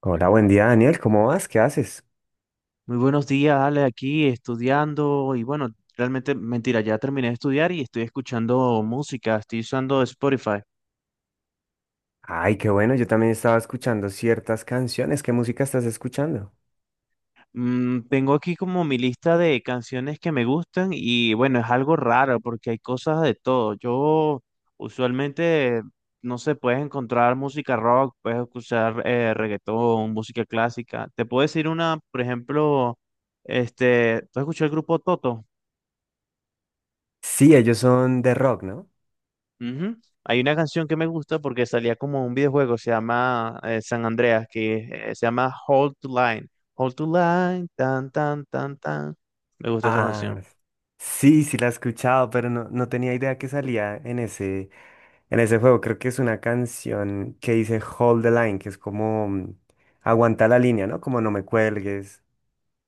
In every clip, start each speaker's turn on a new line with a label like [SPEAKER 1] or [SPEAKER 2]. [SPEAKER 1] Hola, buen día Daniel, ¿cómo vas? ¿Qué haces?
[SPEAKER 2] Muy buenos días, Ale, aquí estudiando y bueno, realmente mentira, ya terminé de estudiar y estoy escuchando música, estoy usando Spotify.
[SPEAKER 1] Ay, qué bueno, yo también estaba escuchando ciertas canciones. ¿Qué música estás escuchando?
[SPEAKER 2] Mm, tengo aquí como mi lista de canciones que me gustan y bueno, es algo raro porque hay cosas de todo. Yo usualmente, no sé, puedes encontrar música rock, puedes escuchar reggaetón, música clásica. Te puedo decir una, por ejemplo, este, ¿tú has escuchado el grupo Toto?
[SPEAKER 1] Sí, ellos son de rock, ¿no?
[SPEAKER 2] Ujú. Hay una canción que me gusta porque salía como un videojuego, se llama San Andreas, que se llama Hold to Line. Hold to Line, tan, tan, tan, tan. Me gusta esa
[SPEAKER 1] Ah,
[SPEAKER 2] canción.
[SPEAKER 1] sí, la he escuchado, pero no, tenía idea que salía en ese juego. Creo que es una canción que dice Hold the Line, que es como aguanta la línea, ¿no? Como no me cuelgues.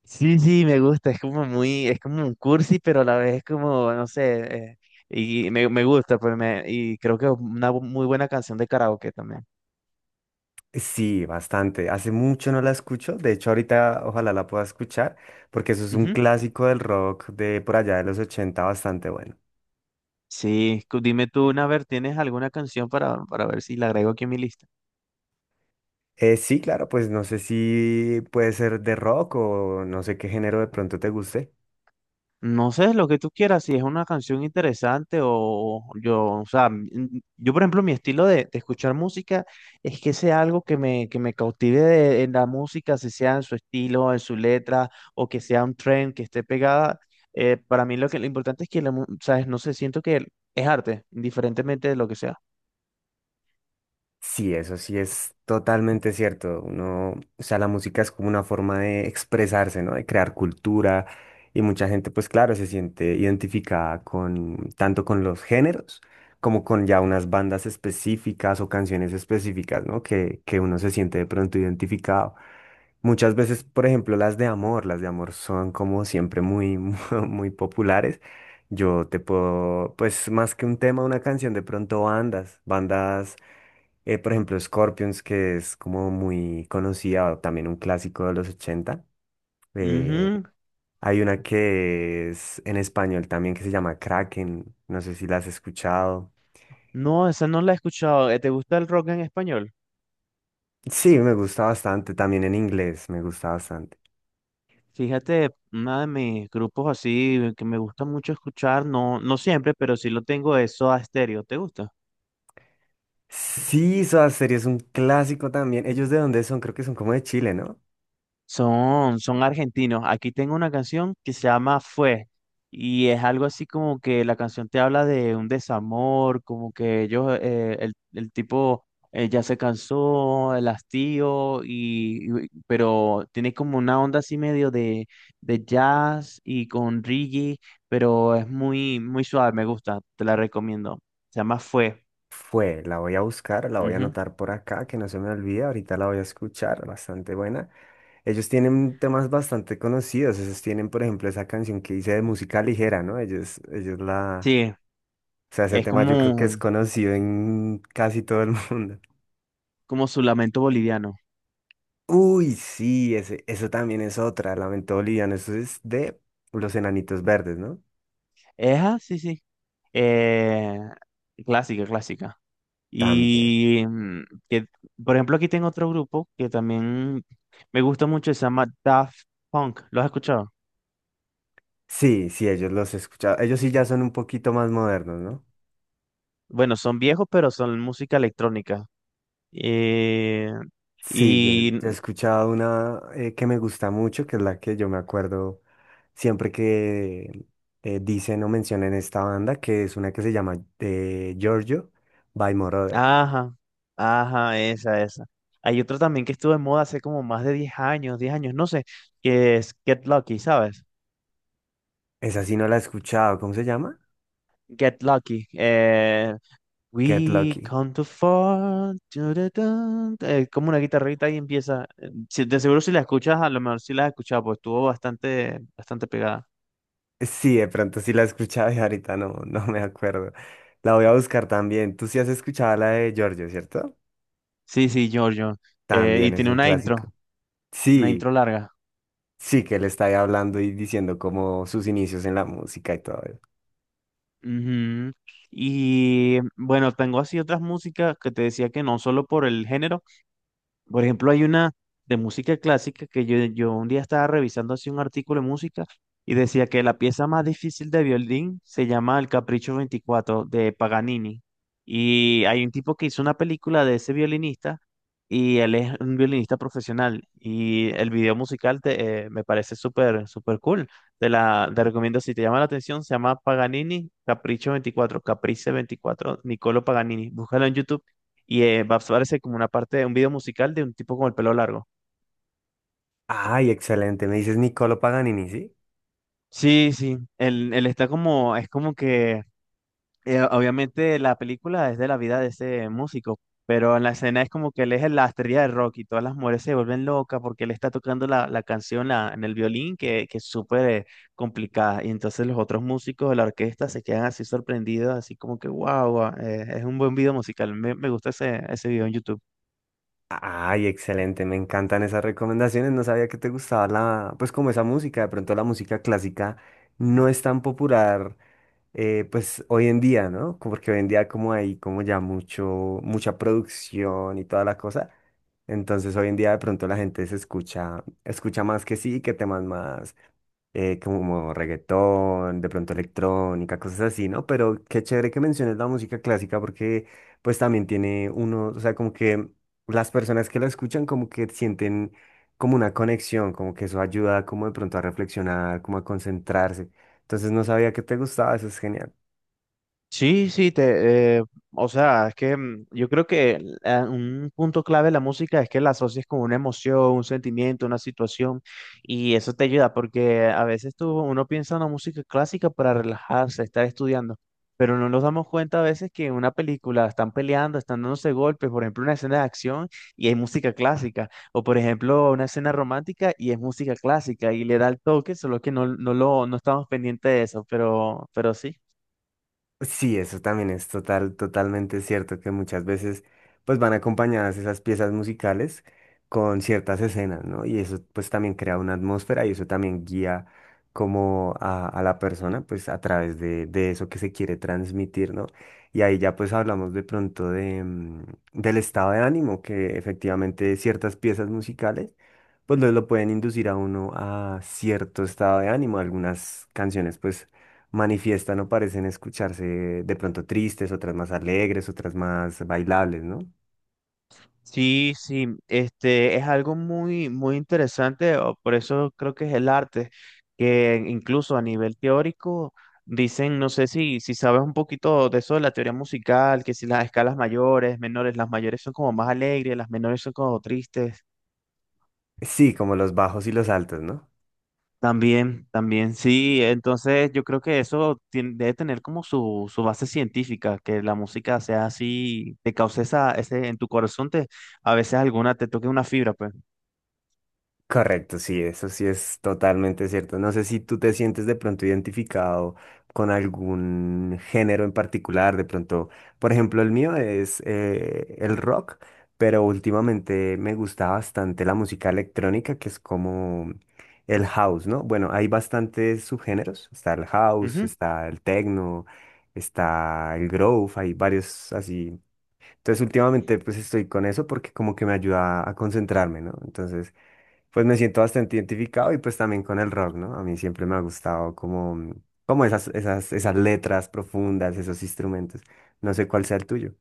[SPEAKER 2] Sí, sí, me gusta, es como muy, es como un cursi, pero a la vez es como, no sé, y me gusta, pues me, y creo que es una muy buena canción de karaoke también.
[SPEAKER 1] Sí, bastante. Hace mucho no la escucho. De hecho, ahorita ojalá la pueda escuchar, porque eso es un
[SPEAKER 2] Ujú.
[SPEAKER 1] clásico del rock de por allá de los 80, bastante bueno.
[SPEAKER 2] Sí, dime tú, una Naver, ¿tienes alguna canción para ver si la agrego aquí en mi lista?
[SPEAKER 1] Sí, claro, pues no sé si puede ser de rock o no sé qué género de pronto te guste.
[SPEAKER 2] No sé, lo que tú quieras, si es una canción interesante o yo, o sea, yo por ejemplo, mi estilo de escuchar música es que sea algo que me cautive de, en la música, si sea en su estilo, en su letra, o que sea un trend que esté pegada. Para mí lo que lo importante es que, la ¿sabes? No sé, siento que es arte, indiferentemente de lo que sea.
[SPEAKER 1] Sí, eso sí es totalmente cierto. Uno, o sea, la música es como una forma de expresarse, ¿no? De crear cultura y mucha gente, pues claro, se siente identificada con tanto con los géneros como con ya unas bandas específicas o canciones específicas, ¿no? Que uno se siente de pronto identificado. Muchas veces, por ejemplo, las de amor son como siempre muy, muy populares. Yo te puedo, pues más que un tema, una canción, de pronto bandas, por ejemplo, Scorpions, que es como muy conocida, o también un clásico de los ochenta. Eh,
[SPEAKER 2] Ujú.
[SPEAKER 1] Hay una que es en español también que se llama Kraken, no sé si la has escuchado.
[SPEAKER 2] No, esa no la he escuchado. ¿Te gusta el rock en español?
[SPEAKER 1] Sí, me gusta bastante, también en inglés, me gusta bastante.
[SPEAKER 2] Fíjate, uno de mis grupos así que me gusta mucho escuchar, no, no siempre, pero sí lo tengo, es Soda Stereo. ¿Te gusta?
[SPEAKER 1] Sí, Soda Stereo es un clásico también. ¿Ellos de dónde son? Creo que son como de Chile, ¿no?
[SPEAKER 2] Son argentinos. Aquí tengo una canción que se llama Fue y es algo así como que la canción te habla de un desamor, como que ellos, el tipo ya se cansó, el hastío, pero tiene como una onda así medio de, jazz y con reggae, pero es muy, muy suave, me gusta, te la recomiendo. Se llama Fue.
[SPEAKER 1] Fue, la voy a buscar, la voy a
[SPEAKER 2] Ujú.
[SPEAKER 1] anotar por acá, que no se me olvide, ahorita la voy a escuchar, bastante buena. Ellos tienen temas bastante conocidos, ellos tienen, por ejemplo, esa canción que hice de música ligera, ¿no? Ellos la...
[SPEAKER 2] Sí,
[SPEAKER 1] O sea, ese
[SPEAKER 2] es
[SPEAKER 1] tema yo creo que es
[SPEAKER 2] como,
[SPEAKER 1] conocido en casi todo el mundo.
[SPEAKER 2] como su lamento boliviano.
[SPEAKER 1] Uy, sí, ese, eso también es otra, Lamento Boliviano, eso es de Los Enanitos Verdes, ¿no?
[SPEAKER 2] Eja, sí, sí. Eh, Clásica, clásica.
[SPEAKER 1] También.
[SPEAKER 2] Y que, por ejemplo, aquí tengo otro grupo que también me gusta mucho, se llama Daft Punk. ¿Lo has escuchado?
[SPEAKER 1] Sí, sí, ellos los he escuchado. Ellos sí ya son un poquito más modernos, ¿no?
[SPEAKER 2] Bueno, son viejos, pero son música electrónica. Eh,
[SPEAKER 1] Sí, yo,
[SPEAKER 2] y,
[SPEAKER 1] he escuchado una que me gusta mucho, que es la que yo me acuerdo siempre que dicen o mencionan esta banda, que es una que se llama Giorgio by Moroder.
[SPEAKER 2] ajá, ajá, esa, esa. Hay otro también que estuvo en moda hace como más de 10 años, 10 años, no sé, que es Get Lucky, ¿sabes?
[SPEAKER 1] Esa sí no la he escuchado, ¿cómo se llama?
[SPEAKER 2] Get Lucky.
[SPEAKER 1] Get
[SPEAKER 2] We
[SPEAKER 1] Lucky.
[SPEAKER 2] come to fall. Tu, tu, tu, tu. Como una guitarrita ahí empieza. De seguro si la escuchas, a lo mejor si la has escuchado, pues estuvo bastante, bastante pegada.
[SPEAKER 1] Sí, de pronto sí la he escuchado y ahorita no, no me acuerdo. La voy a buscar también. Tú sí has escuchado la de Giorgio, ¿cierto?
[SPEAKER 2] Sí, sí, Giorgio. Y
[SPEAKER 1] También es
[SPEAKER 2] tiene
[SPEAKER 1] un
[SPEAKER 2] una intro,
[SPEAKER 1] clásico.
[SPEAKER 2] una
[SPEAKER 1] Sí.
[SPEAKER 2] intro larga.
[SPEAKER 1] Sí, que él está ahí hablando y diciendo como sus inicios en la música y todo eso.
[SPEAKER 2] Ujú. Y bueno, tengo así otras músicas que te decía que no solo por el género, por ejemplo, hay una de música clásica que yo un día estaba revisando así un artículo de música y decía que la pieza más difícil de violín se llama El Capricho 24 de Paganini. Y hay un tipo que hizo una película de ese violinista y él es un violinista profesional. Y el video musical me parece súper, súper cool. Te recomiendo si te llama la atención, se llama Paganini Capricho 24 Caprice 24 Niccolo Paganini. Búscalo en YouTube y va a aparecer como una parte de un video musical de un tipo con el pelo largo.
[SPEAKER 1] Ay, excelente. Me dices Niccolo Paganini, ¿sí?
[SPEAKER 2] Sí, sí. Él está como, es como que, obviamente la película es de la vida de ese músico, pero en la escena es como que él es la estrella de rock y todas las mujeres se vuelven locas porque él está tocando la canción en el violín que es súper complicada. Y entonces los otros músicos de la orquesta se quedan así sorprendidos, así como que, wow, es un buen video musical. Me gusta ese, ese video en YouTube.
[SPEAKER 1] Ay, excelente. Me encantan esas recomendaciones. No sabía que te gustaba la, pues como esa música. De pronto la música clásica no es tan popular, pues hoy en día, ¿no? Como porque hoy en día como hay como ya mucho, mucha producción y toda la cosa. Entonces hoy en día de pronto la gente se escucha, escucha más que sí, que temas más como reggaetón, de pronto electrónica, cosas así, ¿no? Pero qué chévere que menciones la música clásica porque pues también tiene uno, o sea, como que las personas que la escuchan como que sienten como una conexión, como que eso ayuda como de pronto a reflexionar, como a concentrarse. Entonces no sabía que te gustaba, eso es genial.
[SPEAKER 2] Sí, sí, te, o sea, es que yo creo que un punto clave de la música es que la asocies con una emoción, un sentimiento, una situación, y eso te ayuda, porque a veces tú, uno piensa en una música clásica para relajarse, estar estudiando, pero no nos damos cuenta a veces que en una película están peleando, están dándose golpes, por ejemplo, una escena de acción y hay música clásica, o por ejemplo, una escena romántica y es música clásica, y le da el toque, solo que no, no lo, no estamos pendientes de eso, pero sí.
[SPEAKER 1] Sí, eso también es total, totalmente cierto que muchas veces pues van acompañadas esas piezas musicales con ciertas escenas, ¿no? Y eso pues también crea una atmósfera y eso también guía como a la persona pues a través de eso que se quiere transmitir, ¿no? Y ahí ya pues hablamos de pronto de, del estado de ánimo que efectivamente ciertas piezas musicales pues lo pueden inducir a uno a cierto estado de ánimo. Algunas canciones pues manifiestan o parecen escucharse de pronto tristes, otras más alegres, otras más bailables, ¿no?
[SPEAKER 2] Sí, sí, este es algo muy, muy interesante, o por eso creo que es el arte, que incluso a nivel teórico dicen, no sé si sabes un poquito de eso de la teoría musical, que si las escalas mayores, menores, las mayores son como más alegres, las menores son como tristes.
[SPEAKER 1] Sí, como los bajos y los altos, ¿no?
[SPEAKER 2] También, también, sí, entonces yo creo que eso debe tener como su base científica, que la música sea así, te cause esa, ese, en tu corazón te, a veces alguna, te toque una fibra, pues.
[SPEAKER 1] Correcto, sí, eso sí es totalmente cierto. No sé si tú te sientes de pronto identificado con algún género en particular, de pronto, por ejemplo, el mío es el rock, pero últimamente me gusta bastante la música electrónica, que es como el house, ¿no? Bueno, hay bastantes subgéneros, está el house, está el techno, está el groove, hay varios así. Entonces últimamente pues estoy con eso porque como que me ayuda a concentrarme, ¿no? Entonces pues me siento bastante identificado y pues también con el rock, ¿no? A mí siempre me ha gustado como, como esas letras profundas, esos instrumentos. No sé cuál sea el tuyo.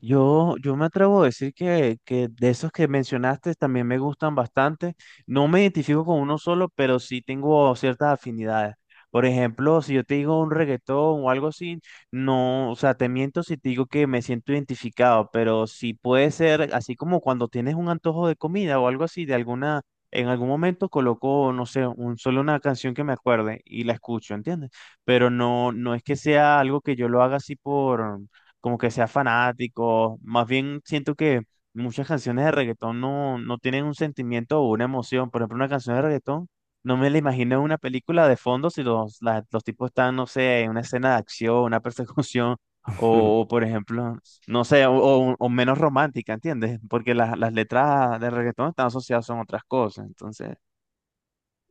[SPEAKER 2] Yo me atrevo a decir que, de esos que mencionaste también me gustan bastante. No me identifico con uno solo, pero sí tengo ciertas afinidades. Por ejemplo, si yo te digo un reggaetón o algo así, no, o sea, te miento si te digo que me siento identificado, pero sí puede ser así como cuando tienes un antojo de comida o algo así, de alguna, en algún momento coloco, no sé, un, solo una canción que me acuerde y la escucho, ¿entiendes? Pero no, no es que sea algo que yo lo haga así por como que sea fanático. Más bien siento que muchas canciones de reggaetón no, no tienen un sentimiento o una emoción. Por ejemplo, una canción de reggaetón, no me la imagino en una película de fondo si los tipos están, no sé, en una escena de acción, una persecución. Por ejemplo, no sé, o menos romántica, ¿entiendes? Porque las letras de reggaetón están asociadas a otras cosas. Entonces,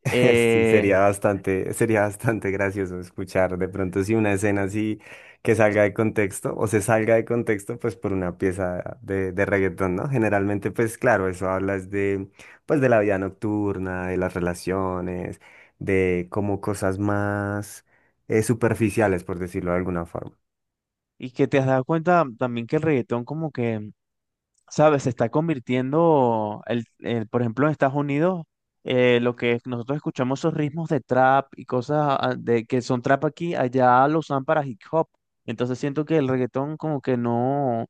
[SPEAKER 1] Sí,
[SPEAKER 2] eh,
[SPEAKER 1] sería bastante gracioso escuchar de pronto si una escena así que salga de contexto o se salga de contexto pues por una pieza de reggaetón, ¿no? Generalmente pues claro, eso hablas de pues de la vida nocturna, de las relaciones, de como cosas más superficiales por decirlo de alguna forma.
[SPEAKER 2] y que te has dado cuenta también que el reggaetón como que ¿sabes? Se está convirtiendo, por ejemplo, en Estados Unidos, lo que nosotros escuchamos, esos ritmos de trap y cosas de, que son trap aquí, allá lo usan para hip hop. Entonces siento que el reggaetón como que no,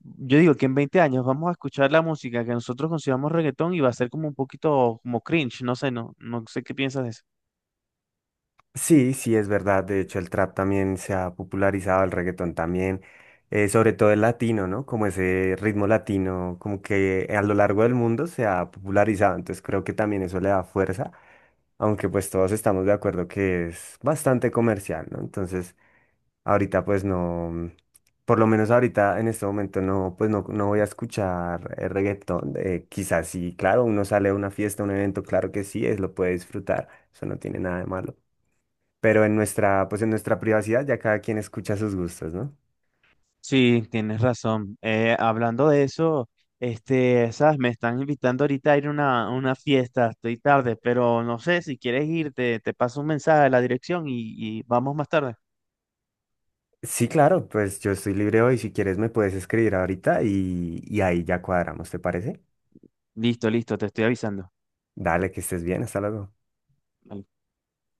[SPEAKER 2] yo digo que en 20 años vamos a escuchar la música que nosotros consideramos reggaetón y va a ser como un poquito como cringe, no sé, no, no sé qué piensas de eso.
[SPEAKER 1] Sí, sí, es verdad. De hecho, el trap también se ha popularizado, el reggaetón también, sobre todo el latino, ¿no? Como ese ritmo latino, como que a lo largo del mundo se ha popularizado. Entonces creo que también eso le da fuerza, aunque pues todos estamos de acuerdo que es bastante comercial, ¿no? Entonces, ahorita pues no, por lo menos ahorita en este momento no, pues no, no voy a escuchar reggaetón. Quizás sí, claro, uno sale a una fiesta, a un evento, claro que sí, es, lo puede disfrutar. Eso no tiene nada de malo. Pero en nuestra, pues en nuestra privacidad ya cada quien escucha sus gustos, ¿no?
[SPEAKER 2] Sí, tienes razón. Hablando de eso, este, sabes, me están invitando ahorita a ir a una, fiesta, estoy tarde, pero no sé, si quieres ir, te paso un mensaje a la dirección y vamos más tarde.
[SPEAKER 1] Sí, claro, pues yo estoy libre hoy. Si quieres me puedes escribir ahorita y ahí ya cuadramos, ¿te parece?
[SPEAKER 2] Listo, listo, te estoy avisando.
[SPEAKER 1] Dale, que estés bien, hasta luego.
[SPEAKER 2] Vale.